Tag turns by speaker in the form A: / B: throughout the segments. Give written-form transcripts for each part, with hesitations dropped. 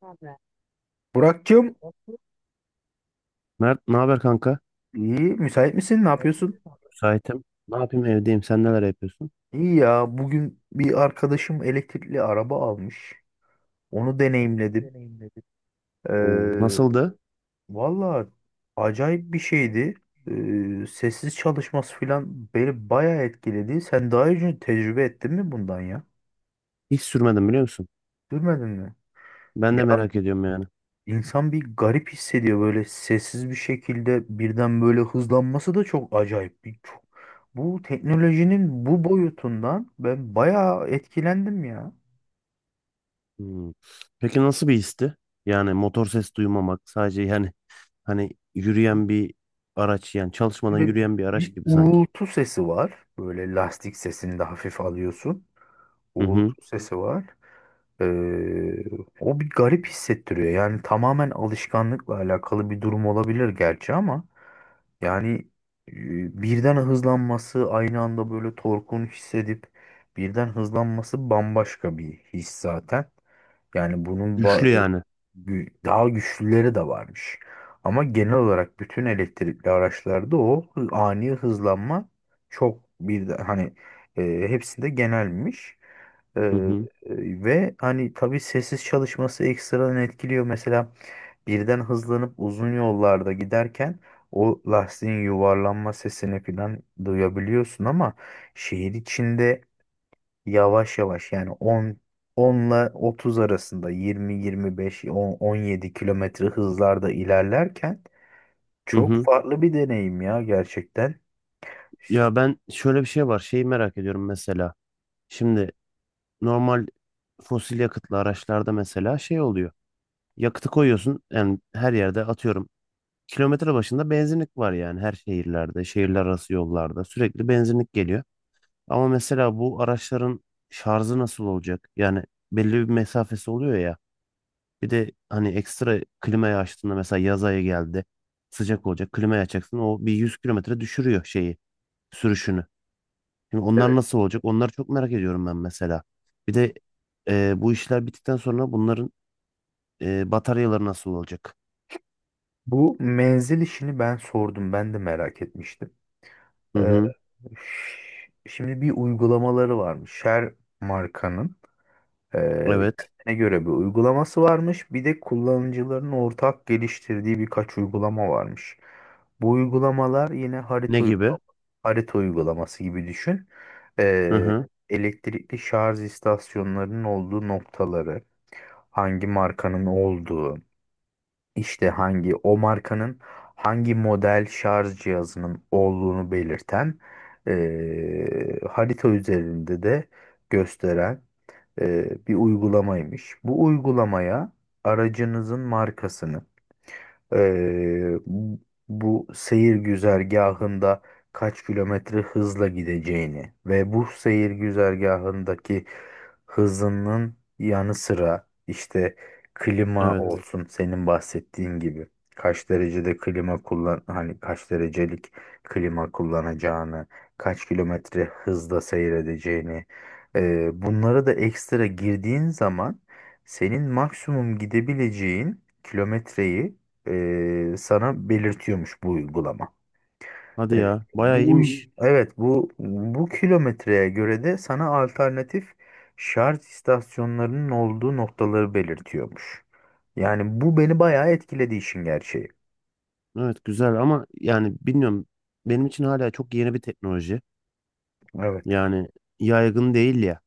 A: Abi.
B: Burak'cığım,
A: Mert ne haber kanka?
B: iyi, müsait misin? Ne yapıyorsun?
A: Müsaitim. Ne yapayım, evdeyim. Sen neler yapıyorsun?
B: İyi ya, bugün bir arkadaşım elektrikli araba almış. Onu deneyimledim.
A: Deneyimledim. Oo,
B: Ee,
A: nasıldı?
B: Valla acayip bir şeydi. Sessiz çalışması falan beni bayağı etkiledi. Sen daha önce tecrübe ettin mi bundan ya?
A: Hiç sürmedim, biliyor musun?
B: Duymadın mı?
A: Ben de
B: Ya,
A: merak ediyorum yani.
B: insan bir garip hissediyor, böyle sessiz bir şekilde birden böyle hızlanması da çok acayip. Bu teknolojinin bu boyutundan ben bayağı etkilendim ya.
A: Hmm. Peki nasıl bir histi? Yani motor ses duymamak sadece, yani hani yürüyen bir araç, yani çalışmadan
B: Ve
A: yürüyen bir araç
B: bir
A: gibi sanki.
B: uğultu sesi var. Böyle lastik sesini de hafif alıyorsun.
A: Hı hı.
B: Uğultu sesi var. Ee, O bir garip hissettiriyor. Yani tamamen alışkanlıkla alakalı bir durum olabilir gerçi ama yani birden hızlanması aynı anda böyle torkun hissedip birden hızlanması bambaşka bir his zaten. Yani bunun
A: Güçlü
B: ba- e,
A: yani.
B: gü- Daha güçlüleri de varmış. Ama genel olarak bütün elektrikli araçlarda ani hızlanma çok bir hani, hepsinde genelmiş.
A: Hı hı.
B: Ve hani tabii sessiz çalışması ekstradan etkiliyor. Mesela birden hızlanıp uzun yollarda giderken o lastiğin yuvarlanma sesini falan duyabiliyorsun ama şehir içinde yavaş yavaş, yani 10 ile 30 arasında, 20, 25, 10, 17 kilometre hızlarda ilerlerken
A: Hı
B: çok
A: hı.
B: farklı bir deneyim ya gerçekten.
A: Ya ben şöyle bir şey var. Şeyi merak ediyorum mesela. Şimdi normal fosil yakıtlı araçlarda mesela şey oluyor. Yakıtı koyuyorsun yani, her yerde atıyorum. Kilometre başında benzinlik var, yani her şehirlerde, şehirler arası yollarda sürekli benzinlik geliyor. Ama mesela bu araçların şarjı nasıl olacak? Yani belli bir mesafesi oluyor ya. Bir de hani ekstra klimayı açtığında, mesela yaz ayı geldi, sıcak olacak. Klimayı açacaksın, o bir 100 kilometre düşürüyor şeyi, sürüşünü. Şimdi onlar
B: Evet.
A: nasıl olacak? Onları çok merak ediyorum ben mesela. Bir de bu işler bittikten sonra bunların bataryaları nasıl olacak?
B: Bu menzil işini ben sordum. Ben de merak etmiştim.
A: Hı hı.
B: Şimdi bir uygulamaları varmış. Her markanın, e,
A: Evet.
B: kendine göre bir uygulaması varmış. Bir de kullanıcıların ortak geliştirdiği birkaç uygulama varmış. Bu uygulamalar yine
A: Ne
B: harita
A: gibi?
B: uygulama, harita uygulaması gibi düşün.
A: Hı
B: E,
A: hı.
B: Elektrikli şarj istasyonlarının olduğu noktaları, hangi markanın olduğu, işte hangi o markanın hangi model şarj cihazının olduğunu belirten, harita üzerinde de gösteren, bir uygulamaymış. Bu uygulamaya aracınızın markasını, bu seyir güzergahında kaç kilometre hızla gideceğini ve bu seyir güzergahındaki hızının yanı sıra işte klima, evet,
A: Evet.
B: olsun, senin bahsettiğin gibi kaç derecede klima kullan, hani kaç derecelik klima kullanacağını, kaç kilometre hızla seyredeceğini, bunlara da ekstra girdiğin zaman senin maksimum gidebileceğin kilometreyi, sana belirtiyormuş bu uygulama.
A: Hadi
B: E,
A: ya. Bayağı iyiymiş.
B: evet, bu kilometreye göre de sana alternatif şarj istasyonlarının olduğu noktaları belirtiyormuş. Yani bu beni bayağı etkiledi işin gerçeği.
A: Evet, güzel ama yani bilmiyorum. Benim için hala çok yeni bir teknoloji.
B: Evet.
A: Yani yaygın değil ya.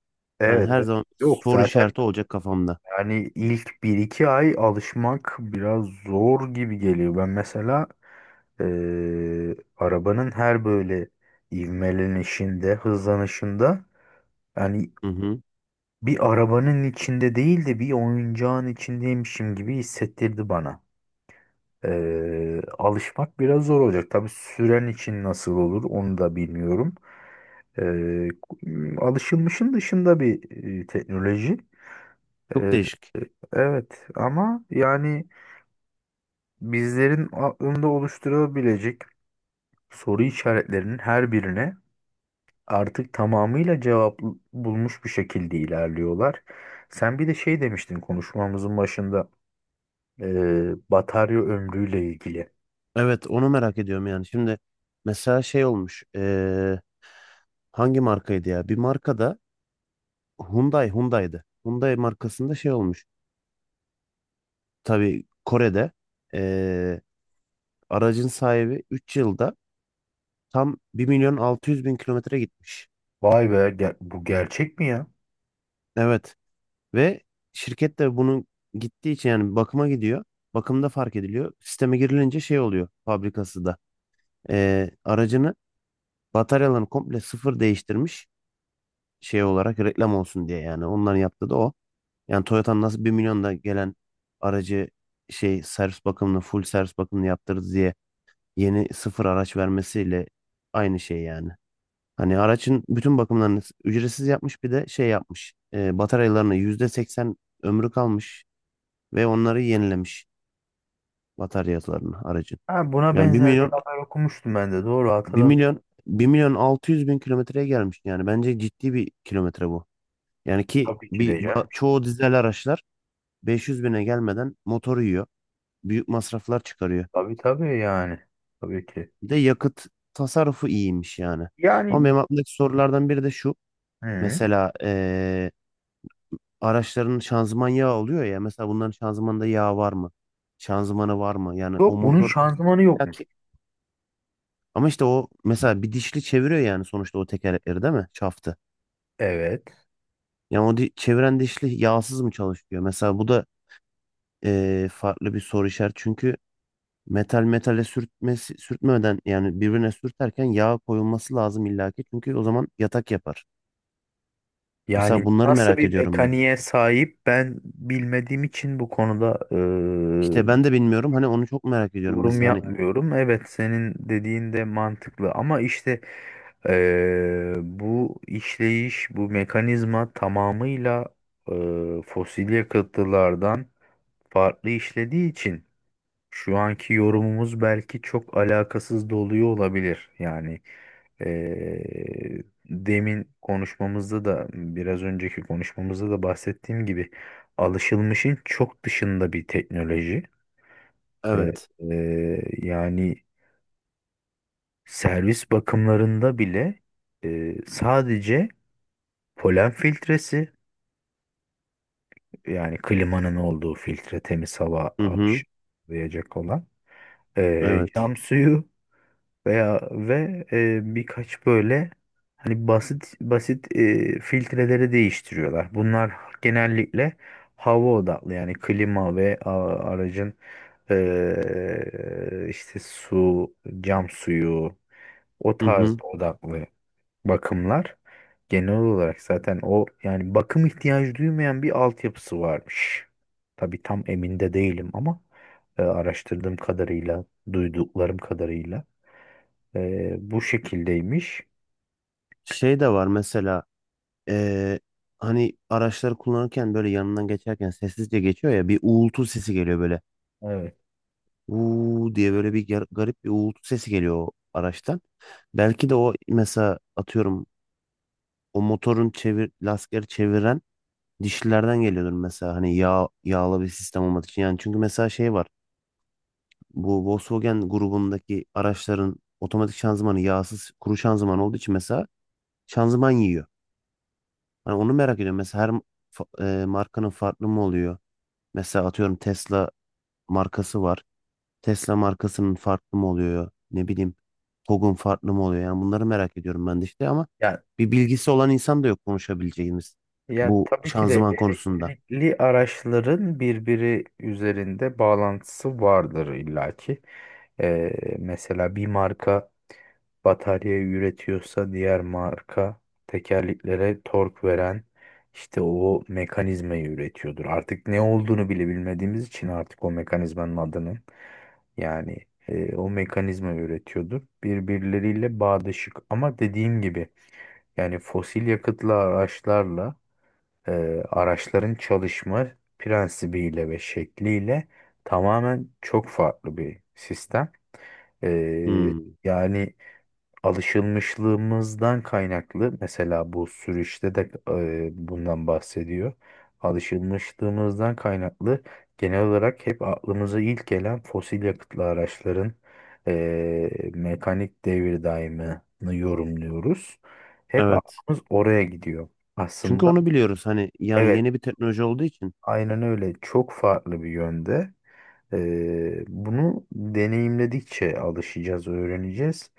A: Hani
B: Evet. Hmm.
A: her
B: Evet.
A: zaman
B: Yok
A: soru
B: zaten,
A: işareti olacak kafamda.
B: yani ilk bir iki ay alışmak biraz zor gibi geliyor. Ben mesela, e, arabanın her böyle ivmelenişinde, hızlanışında, yani
A: Hı hı.
B: bir arabanın içinde değil de bir oyuncağın içindeymişim gibi hissettirdi bana. Alışmak biraz zor olacak. Tabii süren için nasıl olur onu da bilmiyorum. Ee, Alışılmışın dışında bir, teknoloji.
A: Çok
B: Ee,
A: değişik.
B: evet, ama yani bizlerin aklında oluşturabilecek soru işaretlerinin her birine artık tamamıyla cevap bulmuş bir şekilde ilerliyorlar. Sen bir de şey demiştin konuşmamızın başında. Batarya ömrüyle ilgili.
A: Evet, onu merak ediyorum yani. Şimdi mesela şey olmuş. Hangi markaydı ya? Bir markada Hyundai'di. Hyundai markasında şey olmuş. Tabii Kore'de, eee, aracın sahibi 3 yılda tam 1.600.000 kilometre gitmiş.
B: Bu gerçek mi ya?
A: Evet, ve şirket de bunun gittiği için yani bakıma gidiyor. Bakımda fark ediliyor. Sisteme girilince şey oluyor fabrikası da. Aracını, bataryalarını komple sıfır değiştirmiş, şey olarak reklam olsun diye yani. Onların yaptığı da o. Yani Toyota'nın nasıl 1 milyonda gelen aracı, şey servis bakımını, full servis bakımını yaptırdı diye yeni sıfır araç vermesiyle aynı şey yani. Hani aracın bütün bakımlarını ücretsiz yapmış, bir de şey yapmış. Bataryalarını %80 ömrü kalmış ve onları yenilemiş, bataryasını aracın.
B: Ha, buna
A: Yani
B: benzer bir haber okumuştum ben de. Doğru
A: bir
B: hatırladım.
A: milyon 1.600.000 kilometreye gelmiş. Yani bence ciddi bir kilometre bu. Yani ki
B: Tabii ki de canım.
A: çoğu dizel araçlar 500 bine gelmeden motor yiyor. Büyük masraflar çıkarıyor.
B: Tabii tabii yani. Tabii ki.
A: Bir de yakıt tasarrufu iyiymiş yani. Ama
B: Yani
A: benim aklımdaki sorulardan biri de şu.
B: hı.
A: Mesela araçların şanzıman yağı oluyor ya. Mesela bunların şanzımanda yağ var mı? Şanzımanı var mı? Yani o
B: Yok, bunun
A: motor
B: şanzımanı yokmuş.
A: illaki. Ama işte o mesela bir dişli çeviriyor, yani sonuçta o tekerlekleri, değil mi? Çaftı.
B: Evet.
A: Yani o çeviren dişli yağsız mı çalışıyor? Mesela bu da farklı bir soru işareti. Çünkü metal metale sürtmesi, sürtmeden, yani birbirine sürterken yağ koyulması lazım illaki. Çünkü o zaman yatak yapar. Mesela
B: Yani
A: bunları
B: nasıl
A: merak
B: bir
A: ediyorum ben.
B: mekaniğe sahip ben bilmediğim için bu konuda
A: İşte ben de bilmiyorum. Hani onu çok merak ediyorum.
B: yorum
A: Mesela hani
B: yapmıyorum. Evet, senin dediğin de mantıklı ama işte bu işleyiş, bu mekanizma tamamıyla fosil yakıtlardan farklı işlediği için şu anki yorumumuz belki çok alakasız da oluyor olabilir. Yani demin konuşmamızda da, biraz önceki konuşmamızda da bahsettiğim gibi, alışılmışın çok dışında bir teknoloji. Eee,
A: evet.
B: Yani servis bakımlarında bile, sadece polen filtresi, yani klimanın olduğu filtre temiz hava
A: Hı hı.
B: akışlayacak olan,
A: Evet.
B: cam suyu veya birkaç böyle, hani, basit basit, filtreleri değiştiriyorlar. Bunlar genellikle hava odaklı, yani klima aracın, işte su, cam suyu, o
A: Hı
B: tarz
A: hı.
B: odaklı bakımlar. Genel olarak zaten o, yani bakım ihtiyacı duymayan bir altyapısı varmış. Tabii tam emin de değilim ama, araştırdığım kadarıyla, duyduklarım kadarıyla, bu şekildeymiş.
A: Şey de var mesela. Ee, hani araçları kullanırken, böyle yanından geçerken sessizce geçiyor ya, bir uğultu sesi geliyor böyle.
B: Evet.
A: Uuu diye böyle bir garip bir uğultu sesi geliyor o araçtan. Belki de o mesela atıyorum o motorun lastikleri çeviren dişlilerden geliyordur mesela, hani yağ, yağlı bir sistem olmadığı için. Yani çünkü mesela şey var. Bu Volkswagen grubundaki araçların otomatik şanzımanı yağsız, kuru şanzıman olduğu için mesela şanzıman yiyor. Hani onu merak ediyorum. Mesela her markanın farklı mı oluyor? Mesela atıyorum Tesla markası var. Tesla markasının farklı mı oluyor? Ne bileyim, TOGG'un farklı mı oluyor? Yani bunları merak ediyorum ben de işte, ama
B: Ya,
A: bir bilgisi olan insan da yok konuşabileceğimiz
B: ya
A: bu
B: tabii ki de
A: şanzıman konusunda.
B: elektrikli araçların birbiri üzerinde bağlantısı vardır illaki. Ee, Mesela bir marka batarya üretiyorsa, diğer marka tekerleklere tork veren işte o mekanizmayı üretiyordur. Artık ne olduğunu bile bilmediğimiz için artık o mekanizmanın adının, yani, o mekanizma üretiyordur. Birbirleriyle bağdaşık ama dediğim gibi yani fosil yakıtlı araçlarla, e, araçların çalışma prensibiyle ve şekliyle tamamen çok farklı bir sistem. E,
A: Hmm,
B: Yani alışılmışlığımızdan kaynaklı mesela bu sürüşte de, bundan bahsediyor. Alışılmışlığımızdan kaynaklı genel olarak hep aklımıza ilk gelen fosil yakıtlı araçların, mekanik devir daimini yorumluyoruz. Hep
A: evet.
B: aklımız oraya gidiyor.
A: Çünkü
B: Aslında
A: onu biliyoruz, hani yani
B: evet,
A: yeni bir teknoloji olduğu için.
B: aynen öyle, çok farklı bir yönde. Bunu deneyimledikçe alışacağız, öğreneceğiz.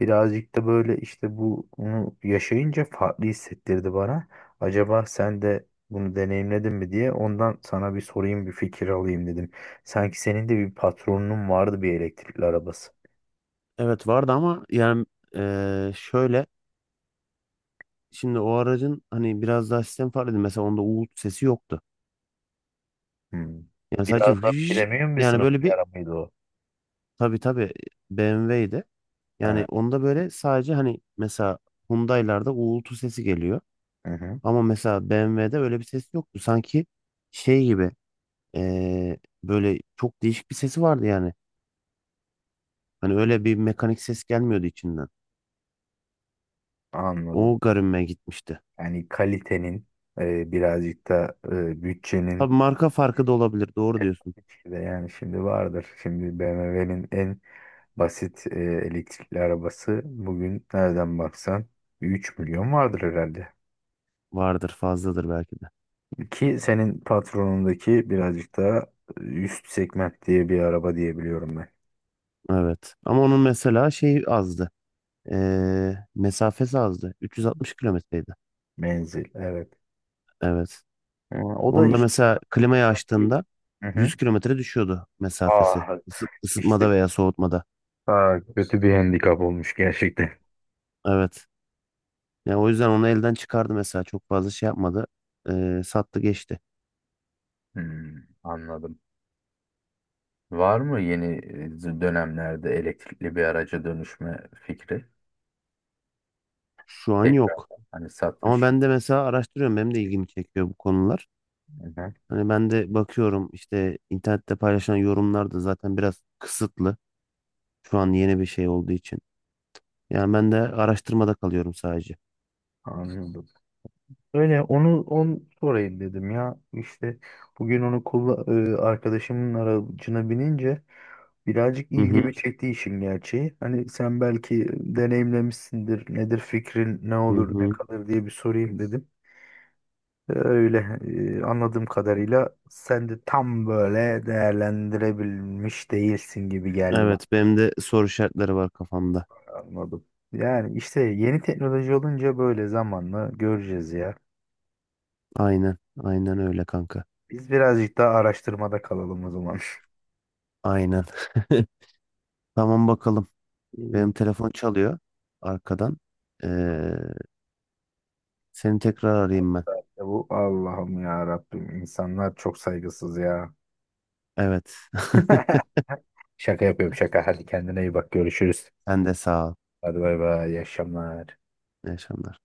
B: Birazcık da böyle işte bunu yaşayınca farklı hissettirdi bana. Acaba sen de bunu deneyimledin mi diye, ondan sana bir sorayım, bir fikir alayım dedim. Sanki senin de bir patronunun vardı, bir elektrikli arabası.
A: Evet vardı ama yani, şöyle, şimdi o aracın hani biraz daha sistem farklıydı. Mesela onda uğultu sesi yoktu.
B: Hmm.
A: Yani sadece
B: Biraz da premium bir
A: yani
B: sınıf
A: böyle
B: bir
A: bir,
B: ara o?
A: tabii tabii BMW'ydi. Yani
B: Ha,
A: onda böyle sadece hani mesela Hyundai'larda uğultu sesi geliyor.
B: hı hı,
A: Ama mesela BMW'de öyle bir ses yoktu. Sanki şey gibi, eee, böyle çok değişik bir sesi vardı yani. Hani öyle bir mekanik ses gelmiyordu içinden.
B: anladım.
A: O garibime gitmişti.
B: Yani kalitenin, birazcık da
A: Tabii
B: bütçenin
A: marka farkı da olabilir. Doğru diyorsun.
B: de yani, şimdi vardır. Şimdi BMW'nin en basit elektrikli arabası bugün nereden baksan 3 milyon vardır herhalde.
A: Vardır, fazladır belki de.
B: Ki senin patronundaki birazcık daha üst segment diye bir araba diyebiliyorum ben.
A: Evet. Ama onun mesela şeyi azdı. Mesafesi azdı. 360 kilometreydi.
B: Menzil, evet.
A: Evet.
B: O da
A: Onda
B: işte.
A: mesela klimayı açtığında
B: Hı hı.
A: 100 kilometre düşüyordu mesafesi.
B: Ah,
A: Isı-
B: işte,
A: ısıtmada veya soğutmada.
B: ah, kötü bir handikap olmuş gerçekten.
A: Evet. Yani o yüzden onu elden çıkardı mesela. Çok fazla şey yapmadı. Sattı geçti.
B: Hmm, anladım. Var mı yeni, dönemlerde elektrikli bir araca dönüşme fikri?
A: Şu an
B: Tekrar
A: yok.
B: hani
A: Ama
B: satmış.
A: ben de mesela araştırıyorum. Benim de ilgimi çekiyor bu konular.
B: Hı-hı.
A: Hani ben de bakıyorum, işte internette paylaşılan yorumlar da zaten biraz kısıtlı. Şu an yeni bir şey olduğu için. Yani ben de araştırmada kalıyorum sadece.
B: Anladım. Öyle onu on sorayım dedim ya. İşte bugün arkadaşımın aracına binince birazcık
A: Hı
B: ilgimi
A: hı,
B: çekti işin gerçeği. Hani sen belki deneyimlemişsindir. Nedir fikrin, ne
A: hı
B: olur, ne
A: hı.
B: kalır diye bir sorayım dedim. Öyle, anladığım kadarıyla sen de tam böyle değerlendirebilmiş değilsin gibi geldi bak.
A: Evet, benim de soru işaretleri var kafamda.
B: Anladım. Yani işte yeni teknoloji olunca böyle zamanla göreceğiz ya.
A: Aynen, aynen öyle kanka.
B: Biz birazcık daha araştırmada kalalım o zaman.
A: Aynen. Tamam, bakalım.
B: İyi.
A: Benim telefon çalıyor arkadan. Ee, seni tekrar arayayım ben.
B: Ya bu Allah'ım, ya Rabbim, insanlar çok saygısız ya.
A: Evet.
B: Şaka yapıyorum, şaka. Hadi kendine iyi bak, görüşürüz.
A: Sen de sağ ol.
B: Hadi bay bay, iyi akşamlar.
A: İyi akşamlar.